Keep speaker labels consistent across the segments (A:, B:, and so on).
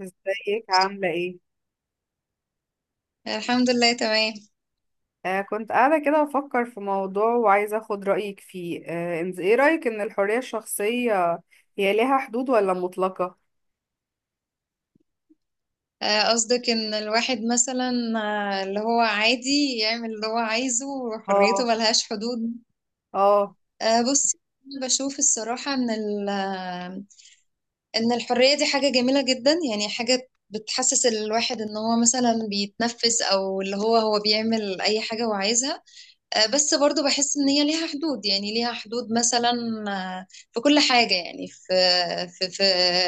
A: ازيك عاملة ايه؟
B: الحمد لله تمام.
A: كنت قاعدة كده بفكر في موضوع وعايزة اخد رأيك فيه. انت ايه رأيك ان الحرية الشخصية هي ليها حدود ولا مطلقة؟
B: قصدك ان الواحد مثلا اللي هو عادي يعمل اللي هو عايزه وحريته
A: اه.
B: ملهاش حدود.
A: اه.
B: بصي، أنا بشوف الصراحة ان ان الحرية دي حاجة جميلة جدا، يعني حاجة بتحسس الواحد ان هو مثلا بيتنفس او اللي هو هو بيعمل اي حاجة هو عايزها. بس برضو بحس ان هي ليها حدود، يعني ليها حدود مثلا آه، في كل حاجة، يعني في في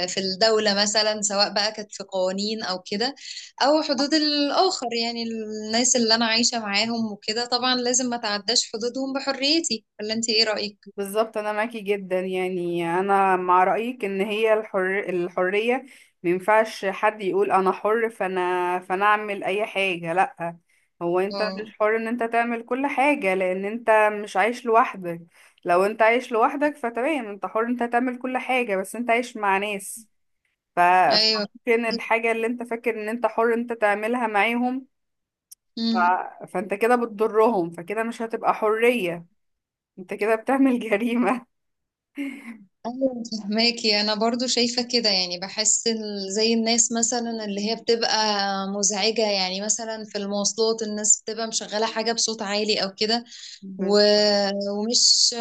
B: في الدولة مثلا، سواء بقى كانت في قوانين او كده، او حدود الآخر، يعني الناس اللي انا عايشة معاهم وكده طبعا لازم ما تعداش حدودهم بحريتي. ولا انت ايه رأيك؟
A: بالظبط، انا معاكي جدا، يعني انا مع رايك ان هي الحريه مينفعش حد يقول انا حر، فانا اعمل اي حاجه، لا. هو انت
B: اه.
A: مش حر ان انت تعمل كل حاجه لان انت مش عايش لوحدك. لو انت عايش لوحدك فتمام، انت حر انت تعمل كل حاجه، بس انت عايش مع ناس.
B: ايوه.
A: فممكن الحاجه اللي انت فاكر ان انت حر انت تعملها معاهم. ف...
B: مم.
A: فانت كده بتضرهم، فكده مش هتبقى حريه. انت كده بتعمل جريمه.
B: ايوه، فهماكي، انا برضو شايفه كده، يعني بحس زي الناس مثلا اللي هي بتبقى مزعجه، يعني مثلا في المواصلات الناس بتبقى مشغله حاجه بصوت عالي او كده. و...
A: بالظبط.
B: ومش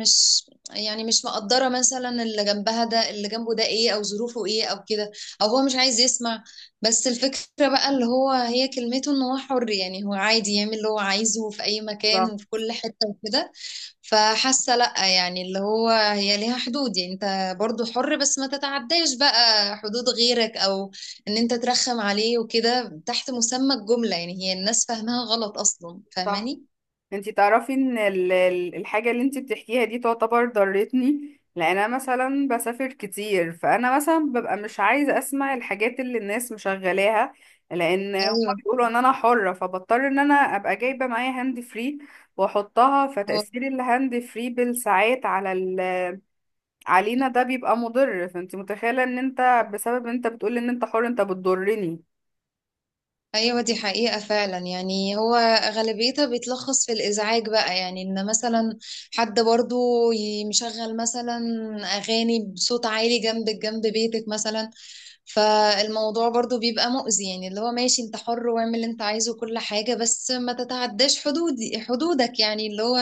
B: مش يعني مش مقدرة مثلا اللي جنبها ده اللي جنبه ده ايه او ظروفه ايه او كده، او هو مش عايز يسمع. بس الفكرة بقى اللي هو هي كلمته ان هو حر، يعني هو عادي يعمل اللي هو عايزه في اي مكان وفي كل حتة وكده. فحاسة لأ، يعني اللي هو هي ليها حدود، يعني انت برضو حر بس ما تتعداش بقى حدود غيرك، او ان انت ترخم عليه وكده تحت مسمى الجملة. يعني هي الناس فاهمها غلط اصلا.
A: صح.
B: فاهماني؟
A: انتي تعرفي ان الحاجة اللي انتي بتحكيها دي تعتبر ضرتني، لان انا مثلا بسافر كتير، فانا مثلا ببقى مش عايزة اسمع الحاجات اللي الناس مشغلاها، لان هما
B: ايوه.
A: بيقولوا ان انا حرة، فبضطر ان انا ابقى جايبة معايا هاند فري واحطها،
B: هو
A: فتأثير الهاند فري بالساعات على علينا ده بيبقى مضر. فانتي متخيلة ان انت بسبب ان انت بتقولي ان انت حر انت بتضرني.
B: ايوه، دي حقيقة فعلا، يعني هو غالبيتها بيتلخص في الازعاج بقى، يعني ان مثلا حد برضو مشغل مثلا اغاني بصوت عالي جنب جنب بيتك مثلا، فالموضوع برضو بيبقى مؤذي. يعني اللي هو ماشي، انت حر واعمل اللي انت عايزه وكل حاجة، بس ما تتعداش حدودك، يعني اللي هو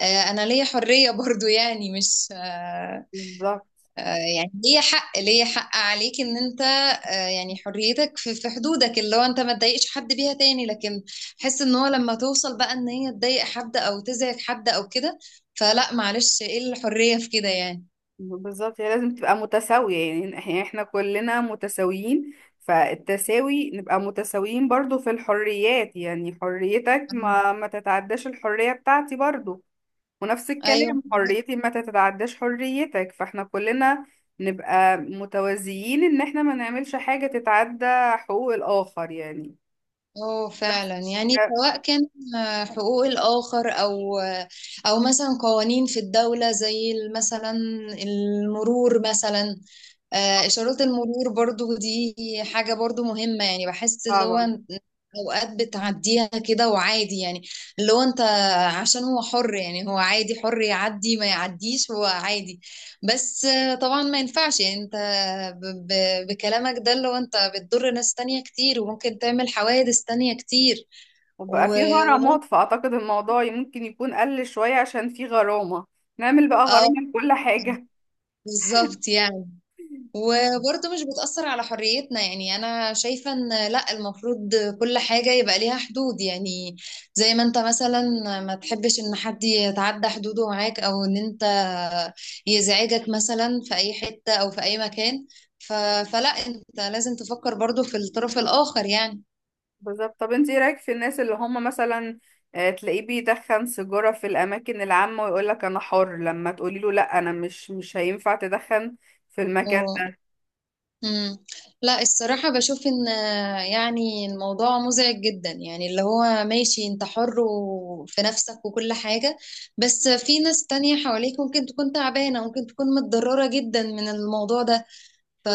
B: انا ليا حرية برضو، يعني مش
A: بالظبط.
B: يعني ليه حق عليك ان انت يعني حريتك في حدودك، اللي هو انت ما تضايقش حد بيها تاني. لكن حس ان هو لما توصل بقى ان هي تضايق حد او تزعج حد او كده، فلا معلش، ايه الحرية في كده يعني.
A: بالظبط، هي لازم تبقى متساوية، يعني احنا كلنا متساويين. فالتساوي نبقى متساويين برضو في الحريات، يعني حريتك
B: مم.
A: ما تتعداش الحرية بتاعتي برضو. ونفس
B: ايوه.
A: الكلام، حريتي ما تتعداش حريتك، فاحنا كلنا نبقى متوازيين ان احنا ما نعملش حاجة تتعدى حقوق الآخر يعني.
B: اه
A: بس
B: فعلا، يعني
A: لا.
B: سواء كان حقوق الاخر او او مثلا قوانين في الدولة زي مثلا المرور مثلا. إشارات المرور برضو دي حاجة برضو مهمة، يعني بحس اللي هو
A: طبعا.
B: أوقات بتعديها كده وعادي، يعني اللي هو أنت عشان هو حر، يعني هو عادي حر يعدي ما يعديش هو عادي. بس طبعا ما ينفعش، يعني أنت بكلامك ده اللي هو أنت بتضر ناس تانية كتير وممكن تعمل حوادث تانية كتير.
A: وبقى في غرامات،
B: وممكن
A: فأعتقد الموضوع ممكن يكون قل شوية عشان في غرامة. نعمل بقى
B: اه.
A: غرامة لكل حاجة.
B: بالظبط، يعني وبرضه مش بتأثر على حريتنا، يعني أنا شايفة إن لأ، المفروض كل حاجة يبقى ليها حدود، يعني زي ما أنت مثلا ما تحبش إن حد يتعدى حدوده معاك أو إن أنت يزعجك مثلا في أي حتة أو في أي مكان. ف... فلأ، أنت لازم تفكر برضه في الطرف الآخر يعني.
A: بالظبط، طب انت ايه رايك في الناس اللي هم مثلا تلاقيه بيدخن سيجاره في الاماكن العامه ويقول لك انا حر، لما تقولي له لا انا مش هينفع تدخن في المكان.
B: مم. لا الصراحة بشوف ان يعني الموضوع مزعج جدا، يعني اللي هو ماشي انت حر في نفسك وكل حاجة، بس في ناس تانية حواليك ممكن تكون تعبانة، ممكن تكون متضررة جدا من الموضوع ده. ف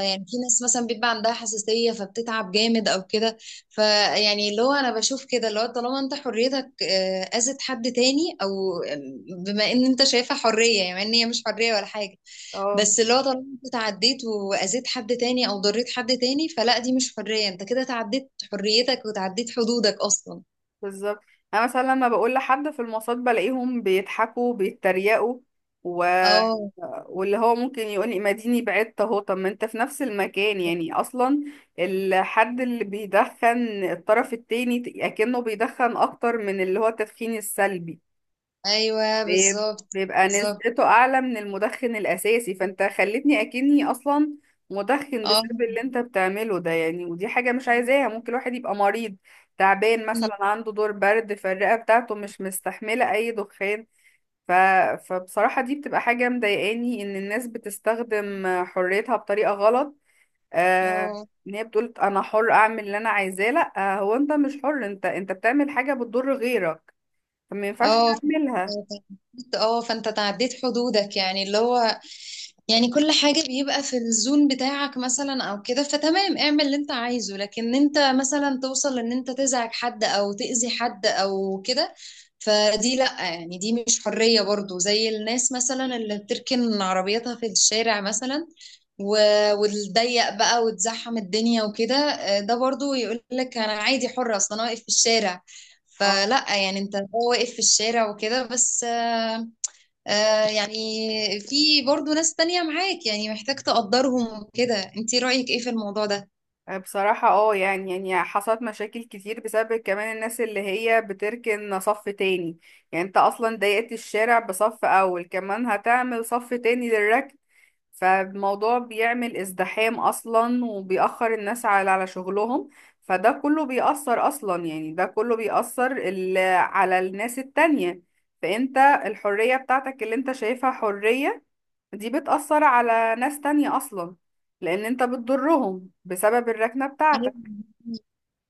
B: يعني في ناس مثلا بيبقى عندها حساسية فبتتعب جامد او كده. فيعني اللي هو انا بشوف كده، اللي هو طالما انت حريتك اذت حد تاني او آه، بما ان انت شايفها حرية، يعني ان هي مش حرية ولا حاجة.
A: اه.
B: بس اللي هو طالما انت تعديت واذيت حد تاني او ضريت حد تاني، فلا دي مش حرية، انت كده تعديت حريتك وتعديت حدودك اصلا.
A: بالظبط. انا مثلا لما بقول لحد في المواصلات بلاقيهم بيضحكوا بيتريقوا، و...
B: اه.
A: واللي هو ممكن يقول لي ما ديني بعدت اهو. طب ما انت في نفس المكان يعني اصلا. الحد اللي بيدخن الطرف التاني اكنه بيدخن اكتر من اللي هو التدخين السلبي.
B: ايوه.
A: بيب-
B: بالظبط.
A: بيبقى
B: بالظبط.
A: نسبته اعلى من المدخن الاساسي، فانت خلتني اكني اصلا مدخن
B: اه.
A: بسبب اللي انت بتعمله ده يعني. ودي حاجة مش عايزاها، ممكن الواحد يبقى مريض تعبان، مثلا عنده دور برد فالرئة بتاعته مش مستحملة اي دخان. ف... فبصراحة دي بتبقى حاجة مضايقاني ان الناس بتستخدم حريتها بطريقة غلط. آه...
B: اه.
A: ان هي بتقول انا حر اعمل اللي انا عايزاه، لا هو انت مش حر، انت بتعمل حاجة بتضر غيرك فما ينفعش
B: اه.
A: تعملها.
B: اه. فانت تعديت حدودك، يعني اللي هو يعني كل حاجة بيبقى في الزون بتاعك مثلا او كده، فتمام اعمل اللي انت عايزه، لكن انت مثلا توصل ان انت تزعج حد او تأذي حد او كده، فدي لأ، يعني دي مش حرية برضو. زي الناس مثلا اللي بتركن عربيتها في الشارع مثلا وتضيق بقى وتزحم الدنيا وكده. ده برضو يقول لك انا عادي، حرة اصلا انا واقف في الشارع.
A: آه.
B: فلا، يعني انت هو واقف في الشارع وكده، بس يعني في برضو ناس تانية معاك، يعني محتاج تقدرهم وكده. انتي رأيك ايه في الموضوع
A: بصراحة اه، يعني حصلت مشاكل كتير بسبب كمان الناس اللي هي بتركن صف تاني. يعني انت اصلا ضيقت الشارع بصف اول، كمان هتعمل صف تاني للركن. فالموضوع بيعمل ازدحام اصلا، وبيأخر الناس على شغلهم، فده كله بيأثر اصلا، يعني ده كله بيأثر على الناس التانية. فانت الحرية بتاعتك اللي انت شايفها حرية دي بتأثر على ناس تانية أصلا، لأن أنت بتضرهم بسبب الركنة
B: ده؟
A: بتاعتك.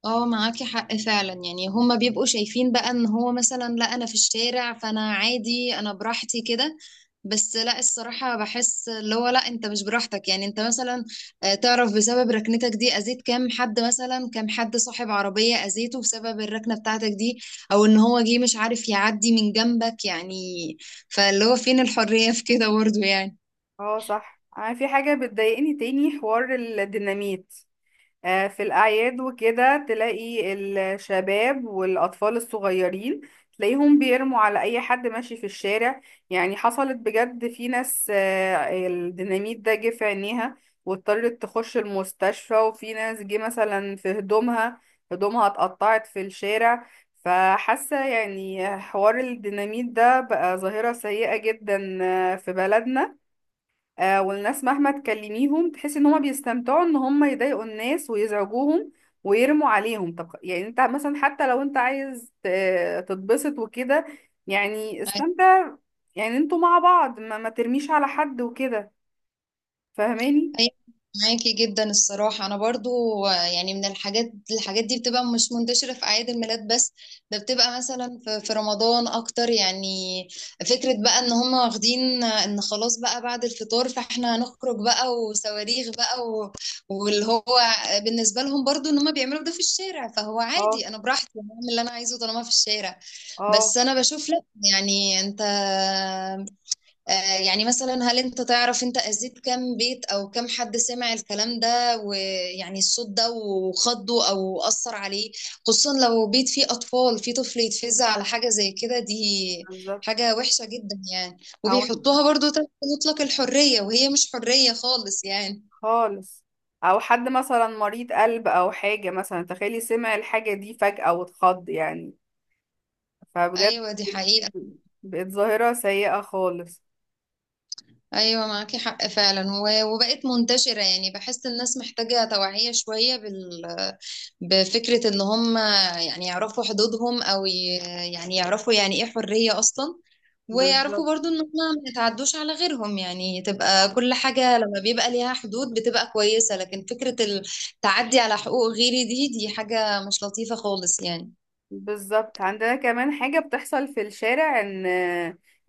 B: اه، معاكي حق فعلا، يعني هما بيبقوا شايفين بقى ان هو مثلا لا انا في الشارع فانا عادي، انا براحتي كده. بس لا الصراحة بحس اللي هو لا، انت مش براحتك، يعني انت مثلا تعرف بسبب ركنتك دي اذيت كام حد، مثلا كام حد صاحب عربية اذيته بسبب الركنة بتاعتك دي، او ان هو جه مش عارف يعدي من جنبك يعني. فاللي هو فين الحرية في كده برضه يعني.
A: اه صح، أنا في حاجة بتضايقني تاني، حوار الديناميت. في الأعياد وكده تلاقي الشباب والأطفال الصغيرين، تلاقيهم بيرموا على أي حد ماشي في الشارع. يعني حصلت بجد، في ناس الديناميت ده جه في عينيها واضطرت تخش المستشفى، وفي ناس جه مثلا في هدومها، هدومها اتقطعت في الشارع. فحاسة يعني حوار الديناميت ده بقى ظاهرة سيئة جدا في بلدنا. والناس مهما تكلميهم تحسي ان هما بيستمتعوا ان هما يضايقوا الناس ويزعجوهم ويرموا عليهم. طب يعني انت مثلا حتى لو انت عايز تتبسط وكده، يعني استمتع. يعني انتوا مع بعض ما ترميش على حد وكده، فاهماني؟
B: أيوة، معاكي جدا الصراحة، أنا برضو يعني من الحاجات دي بتبقى مش منتشرة في أعياد الميلاد بس، ده بتبقى مثلا في رمضان أكتر، يعني فكرة بقى إن هم واخدين إن خلاص بقى بعد الفطار فإحنا هنخرج بقى وصواريخ بقى واللي هو بالنسبة لهم برضو إن هم بيعملوا ده في الشارع فهو
A: اه.
B: عادي، أنا براحتي أنا أعمل اللي أنا عايزه طالما في الشارع.
A: اه.
B: بس أنا بشوف لأ، يعني أنت يعني مثلا هل انت تعرف انت اذيت كام بيت او كام حد سمع الكلام ده ويعني الصوت ده وخضه او اثر عليه؟ خصوصا لو بيت فيه اطفال، فيه طفل يتفزع على حاجة زي كده، دي
A: بالظبط.
B: حاجة وحشة جدا يعني.
A: او
B: وبيحطوها برضو تحت مطلق الحرية، وهي مش حرية خالص يعني.
A: خالص. او حد مثلا مريض قلب او حاجة، مثلا تخيلي سمع الحاجة دي فجأة واتخض يعني. فبجد
B: ايوه دي
A: دي
B: حقيقة.
A: بقت ظاهرة سيئة خالص.
B: ايوه معاكي حق فعلا، وبقت منتشرة. يعني بحس الناس محتاجة توعية شوية بال بفكرة إن هم يعرفوا حدودهم، أو يعرفوا يعني إيه حرية أصلا، ويعرفوا
A: بالظبط.
B: برضو إن هم ما يتعدوش على غيرهم. يعني تبقى كل حاجة لما بيبقى ليها حدود بتبقى كويسة، لكن فكرة التعدي على حقوق غيري، دي حاجة مش لطيفة خالص يعني.
A: بالظبط، عندنا كمان حاجة بتحصل في الشارع، ان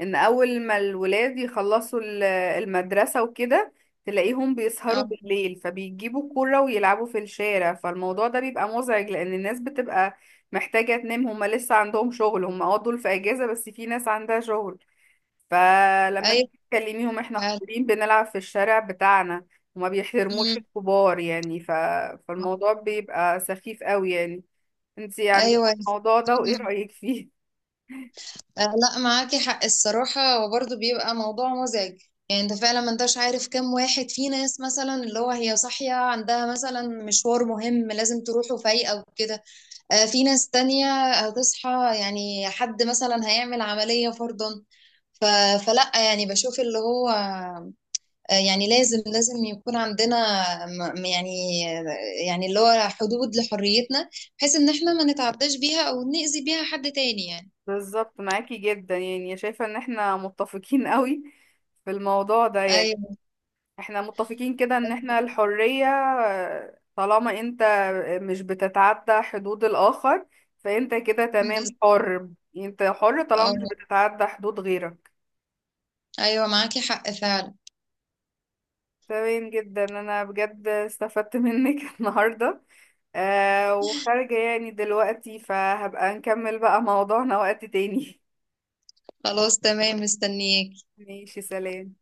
A: ان اول ما الولاد يخلصوا المدرسة وكده تلاقيهم بيسهروا
B: أه.
A: بالليل، فبيجيبوا كرة ويلعبوا في الشارع، فالموضوع ده بيبقى مزعج لان الناس بتبقى محتاجة تنام. هما لسه عندهم شغل، هما اه دول في اجازة، بس في ناس عندها شغل. فلما
B: أيوة.
A: تيجي تكلميهم، احنا حاضرين بنلعب في الشارع بتاعنا، وما بيحترموش
B: أمم.
A: الكبار يعني. فالموضوع بيبقى سخيف قوي يعني. انتي عندك
B: أيوة.
A: الموضوع ده وايه رأيك فيه؟
B: لا معاكي حق الصراحة، وبرضه بيبقى موضوع مزعج، يعني انت فعلا ما انتش عارف كم واحد في ناس مثلا اللي هو هي صاحية عندها مثلا مشوار مهم لازم تروحه فايقة وكده. في ناس تانية هتصحى، يعني حد مثلا هيعمل عملية فرضا. ف... فلا، يعني بشوف اللي هو يعني لازم لازم يكون عندنا م- م- يعني يعني اللي هو حدود لحريتنا، بحيث ان احنا ما نتعداش بيها او نأذي بيها حد تاني يعني.
A: بالظبط، معاكي جدا، يعني شايفة ان احنا متفقين قوي في الموضوع ده يعني.
B: ايوه.
A: احنا متفقين كده ان احنا الحرية طالما انت مش بتتعدى حدود الآخر، فانت كده تمام حر. انت حر طالما مش
B: اه.
A: بتتعدى حدود غيرك.
B: ايوه معاكي حق فعلا.
A: تمام جدا، انا بجد استفدت منك النهاردة. وخارجة يعني دلوقتي، فهبقى نكمل بقى موضوعنا وقت تاني.
B: خلاص تمام، مستنياك.
A: ماشي، سلام.